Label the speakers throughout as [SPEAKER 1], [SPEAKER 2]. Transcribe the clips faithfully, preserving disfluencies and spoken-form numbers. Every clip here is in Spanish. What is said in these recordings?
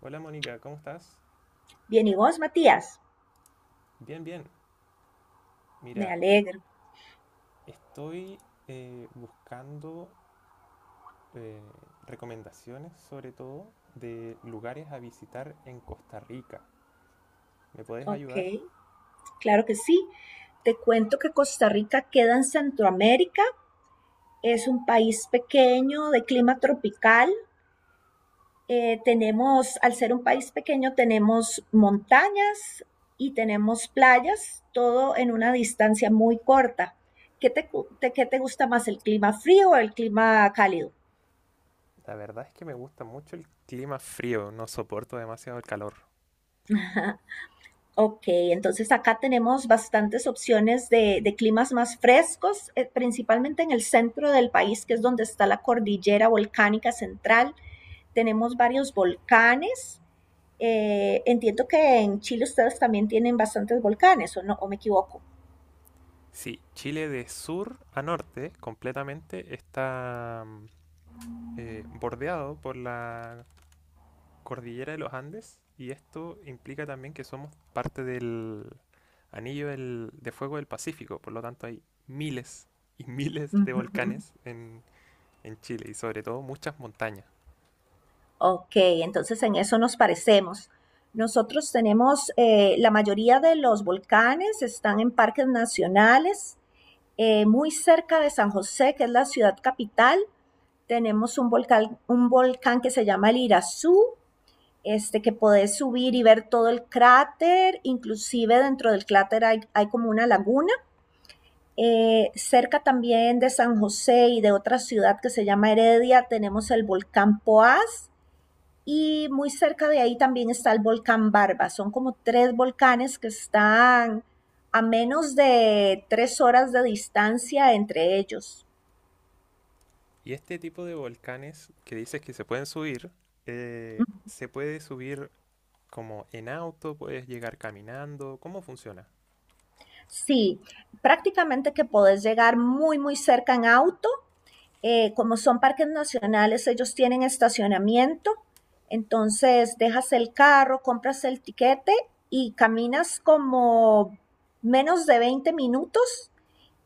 [SPEAKER 1] Hola Mónica, ¿cómo estás?
[SPEAKER 2] Bien, ¿y vos, Matías?
[SPEAKER 1] Bien, bien.
[SPEAKER 2] Me
[SPEAKER 1] Mira,
[SPEAKER 2] alegro.
[SPEAKER 1] estoy eh, buscando eh, recomendaciones sobre todo de lugares a visitar en Costa Rica. ¿Me puedes
[SPEAKER 2] Ok,
[SPEAKER 1] ayudar?
[SPEAKER 2] claro que sí. Te cuento que Costa Rica queda en Centroamérica. Es un país pequeño de clima tropical. Eh, tenemos, al ser un país pequeño, tenemos montañas y tenemos playas, todo en una distancia muy corta. ¿Qué te, cu- te- Qué te gusta más, el clima frío o el clima cálido?
[SPEAKER 1] La verdad es que me gusta mucho el clima frío, no soporto demasiado el calor.
[SPEAKER 2] Ok, entonces acá tenemos bastantes opciones de, de climas más frescos, eh, principalmente en el centro del país, que es donde está la cordillera volcánica central. Tenemos varios volcanes. Eh, entiendo que en Chile ustedes también tienen bastantes volcanes, ¿o no? ¿O me equivoco?
[SPEAKER 1] Sí, Chile de sur a norte completamente está mm, eh, bordeado por la cordillera de los Andes y esto implica también que somos parte del anillo del- de fuego del Pacífico, por lo tanto hay miles y miles de
[SPEAKER 2] Ujú.
[SPEAKER 1] volcanes en, en Chile y sobre todo muchas montañas.
[SPEAKER 2] Ok, entonces en eso nos parecemos. Nosotros tenemos, eh, la mayoría de los volcanes están en parques nacionales. Eh, muy cerca de San José, que es la ciudad capital, tenemos un volcán, un volcán que se llama el Irazú, este, que podés subir y ver todo el cráter, inclusive dentro del cráter hay, hay como una laguna. Eh, cerca también de San José y de otra ciudad que se llama Heredia tenemos el volcán Poás y muy cerca de ahí también está el volcán Barba. Son como tres volcanes que están a menos de tres horas de distancia entre ellos.
[SPEAKER 1] Y este tipo de volcanes que dices que se pueden subir, eh, se puede subir como en auto, puedes llegar caminando, ¿cómo funciona?
[SPEAKER 2] Sí, prácticamente que podés llegar muy, muy cerca en auto. Eh, como son parques nacionales, ellos tienen estacionamiento. Entonces, dejas el carro, compras el tiquete y caminas como menos de veinte minutos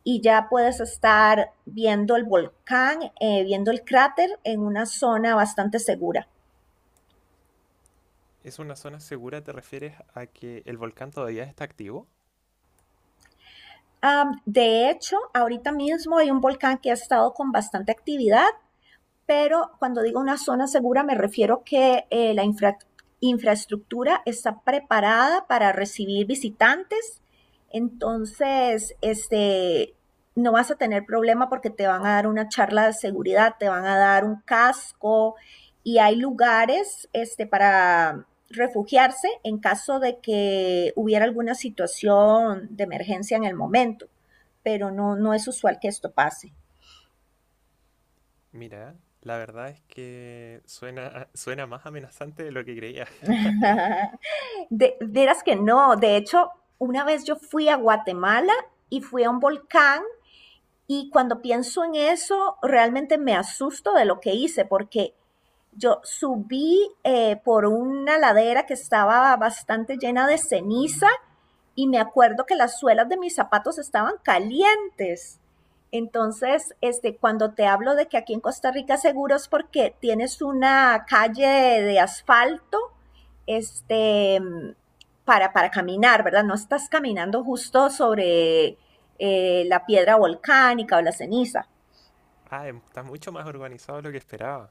[SPEAKER 2] y ya puedes estar viendo el volcán, eh, viendo el cráter en una zona bastante segura.
[SPEAKER 1] ¿Es una zona segura? ¿Te refieres a que el volcán todavía está activo?
[SPEAKER 2] Am, de hecho, ahorita mismo hay un volcán que ha estado con bastante actividad, pero cuando digo una zona segura me refiero que eh, la infra infraestructura está preparada para recibir visitantes, entonces este, no vas a tener problema porque te van a dar una charla de seguridad, te van a dar un casco y hay lugares este, para refugiarse en caso de que hubiera alguna situación de emergencia en el momento, pero no, no es usual que esto pase.
[SPEAKER 1] Mira, la verdad es que suena, suena más amenazante de lo que creía.
[SPEAKER 2] De, verás que no, de hecho, una vez yo fui a Guatemala y fui a un volcán y cuando pienso en eso, realmente me asusto de lo que hice porque yo subí eh, por una ladera que estaba bastante llena de ceniza y me acuerdo que las suelas de mis zapatos estaban calientes. Entonces, este, cuando te hablo de que aquí en Costa Rica seguro es porque tienes una calle de, de asfalto, este, para, para, caminar, ¿verdad? No estás caminando justo sobre eh, la piedra volcánica o la ceniza.
[SPEAKER 1] Ah, em- está mucho más organizado de lo que esperaba.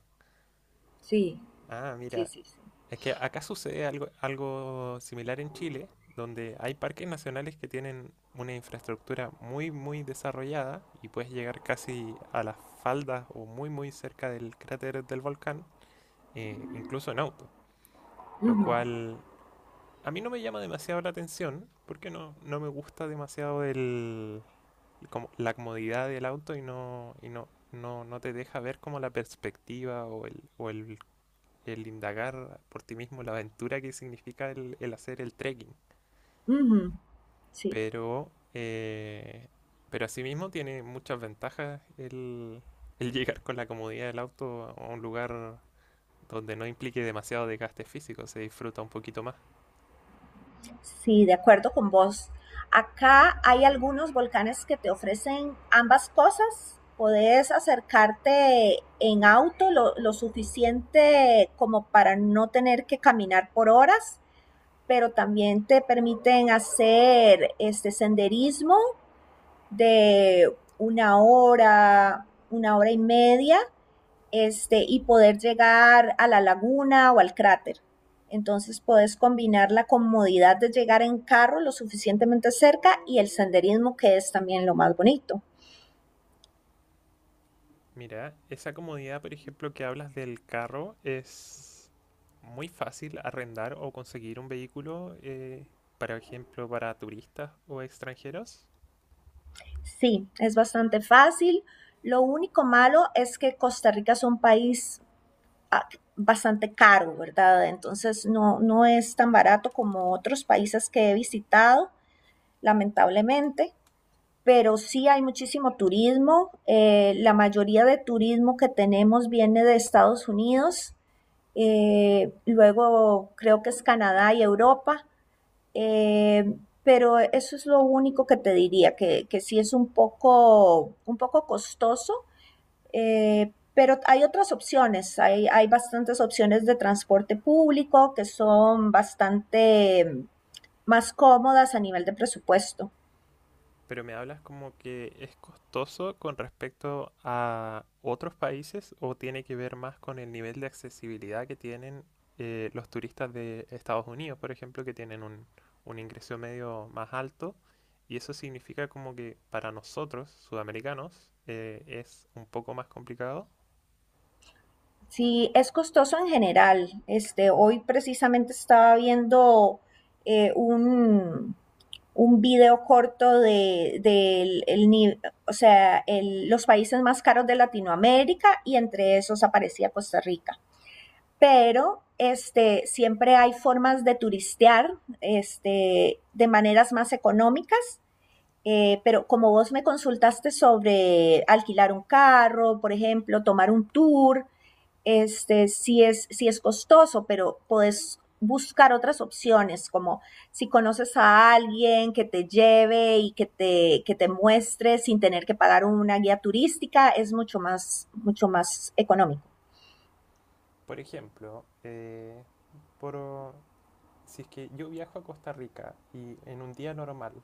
[SPEAKER 2] Sí,
[SPEAKER 1] Ah,
[SPEAKER 2] sí,
[SPEAKER 1] mira,
[SPEAKER 2] sí, sí.
[SPEAKER 1] es que acá sucede algo, algo similar en Chile, donde hay parques nacionales que tienen una infraestructura muy, muy desarrollada y puedes llegar casi a las faldas o muy, muy cerca del cráter del volcán, eh, incluso en auto,
[SPEAKER 2] Uh
[SPEAKER 1] lo
[SPEAKER 2] -huh.
[SPEAKER 1] cual a mí no me llama demasiado la atención porque no, no me gusta demasiado el, como la comodidad del auto. Y no, y no, no, no te deja ver como la perspectiva o el, o el el indagar por ti mismo la aventura que significa el, el hacer el trekking.
[SPEAKER 2] Uh -huh. Sí.
[SPEAKER 1] Pero, eh, pero asimismo tiene muchas ventajas el, el llegar con la comodidad del auto a un lugar donde no implique demasiado desgaste físico, se disfruta un poquito más.
[SPEAKER 2] Sí, de acuerdo con vos. Acá hay algunos volcanes que te ofrecen ambas cosas. Podés acercarte en auto lo, lo suficiente como para no tener que caminar por horas, pero también te permiten hacer este senderismo de una hora, una hora y media, este, y poder llegar a la laguna o al cráter. Entonces puedes combinar la comodidad de llegar en carro lo suficientemente cerca y el senderismo que es también lo más bonito.
[SPEAKER 1] Mira, esa comodidad, por ejemplo, que hablas del carro, es muy fácil arrendar o conseguir un vehículo, eh, por ejemplo, para turistas o extranjeros.
[SPEAKER 2] Sí, es bastante fácil. Lo único malo es que Costa Rica es un país, ah, bastante caro, ¿verdad? Entonces no, no es tan barato como otros países que he visitado, lamentablemente. Pero sí hay muchísimo turismo. Eh, la mayoría de turismo que tenemos viene de Estados Unidos, eh, luego creo que es Canadá y Europa. eh, pero eso es lo único que te diría, que, que sí es un poco, un poco costoso. Eh, pero hay otras opciones, hay, hay bastantes opciones de transporte público que son bastante mm, más cómodas a nivel de presupuesto.
[SPEAKER 1] Pero me hablas como que es costoso con respecto a otros países, o tiene que ver más con el nivel de accesibilidad que tienen eh, los turistas de Estados Unidos, por ejemplo, que tienen un, un ingreso medio más alto. Y eso significa como que para nosotros, sudamericanos, eh, es un poco más complicado.
[SPEAKER 2] Sí, es costoso en general. Este, hoy precisamente estaba viendo eh, un, un video corto de, del- el ni- o sea, el- los países más caros de Latinoamérica y entre esos aparecía Costa Rica. Pero este, siempre hay formas de turistear, este, de maneras más económicas. Eh, pero como vos me consultaste sobre alquilar un carro, por ejemplo, tomar un tour, este, sí es, sí es costoso, pero podés buscar otras opciones, como si conoces a alguien que te lleve y que te, que te muestre sin tener que pagar una guía turística, es mucho más, mucho más económico.
[SPEAKER 1] Por ejemplo, eh, por, si es que yo viajo a Costa Rica, y en un día normal,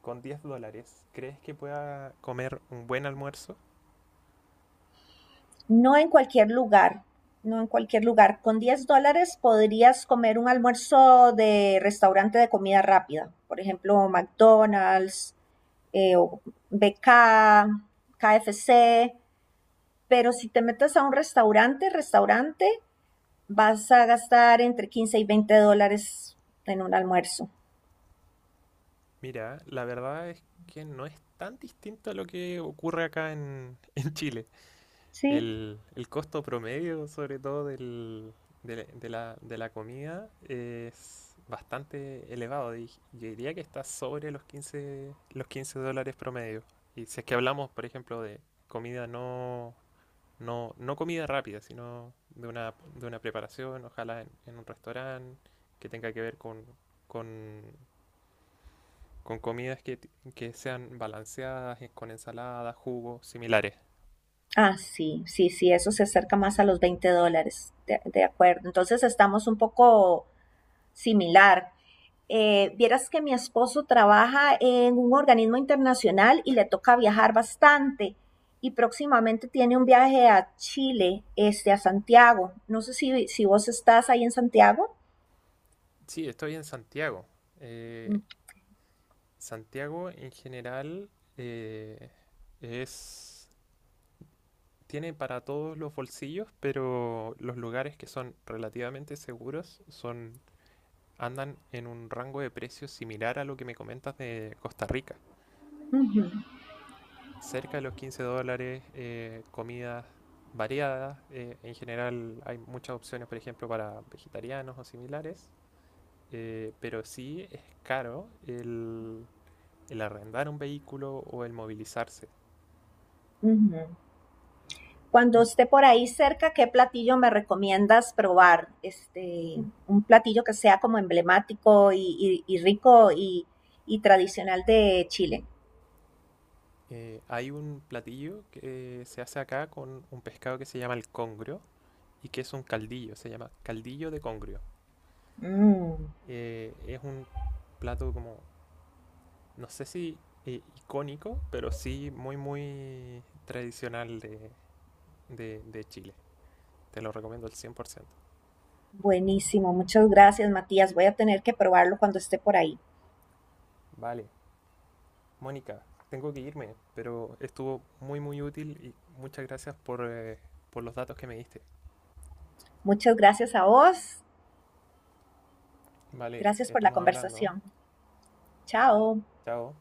[SPEAKER 1] con diez dólares, ¿crees que pueda comer un buen almuerzo?
[SPEAKER 2] No en cualquier lugar, no en cualquier lugar. Con diez dólares podrías comer un almuerzo de restaurante de comida rápida, por ejemplo, McDonald's, eh, o B K, K F C. Pero si te metes a un restaurante, restaurante, vas a gastar entre quince y veinte dólares en un almuerzo.
[SPEAKER 1] Mira, la verdad es que no es tan distinto a lo que ocurre acá en, en Chile.
[SPEAKER 2] Sí.
[SPEAKER 1] El, el costo promedio, sobre todo del, de, la, de la- de la comida, es bastante elevado. Di- Yo diría que está sobre los quince los quince dólares promedio. Y si es que hablamos, por ejemplo, de comida no, no, no comida rápida, sino de una, de una preparación, ojalá en, en un restaurante que tenga que ver con, con con comidas que, que sean balanceadas, eh, con ensaladas, jugos, similares.
[SPEAKER 2] Ah, sí, sí, sí, eso se acerca más a los veinte dólares, de, de acuerdo. Entonces estamos un poco similar. Eh, vieras que mi esposo trabaja en un organismo internacional y le toca viajar bastante y próximamente tiene un viaje a Chile, este, a Santiago. No sé si, si vos estás ahí en Santiago.
[SPEAKER 1] Sí, estoy en Santiago.
[SPEAKER 2] Uh
[SPEAKER 1] Eh, Santiago en general eh, es, tiene para todos los bolsillos, pero los lugares que son relativamente seguros son, andan en un rango de precios similar a lo que me comentas de Costa Rica.
[SPEAKER 2] -huh,
[SPEAKER 1] Cerca de los quince dólares, eh, comidas variadas. Eh, en general hay muchas opciones, por ejemplo, para vegetarianos o similares. Eh, pero sí es caro el, el arrendar un vehículo o el movilizarse.
[SPEAKER 2] uh -huh. Cuando esté por ahí cerca, ¿qué platillo me recomiendas probar? Este, un platillo que sea como emblemático y, y, y rico y, y, tradicional de Chile.
[SPEAKER 1] Eh, hay un platillo que se hace acá con un pescado que se llama el congrio, y que es un caldillo, se llama caldillo de congrio.
[SPEAKER 2] Mm,
[SPEAKER 1] Eh, es un plato como, no sé si eh, icónico, pero sí muy, muy tradicional de de, de Chile. Te lo recomiendo al cien por ciento.
[SPEAKER 2] buenísimo, muchas gracias Matías. Voy a tener que probarlo cuando esté por ahí.
[SPEAKER 1] Vale. Mónica, tengo que irme, pero estuvo muy muy útil y muchas gracias por, eh, por los datos que me diste.
[SPEAKER 2] Muchas gracias a vos,
[SPEAKER 1] Vale,
[SPEAKER 2] gracias por la
[SPEAKER 1] estamos hablando.
[SPEAKER 2] conversación. Chao.
[SPEAKER 1] Chao.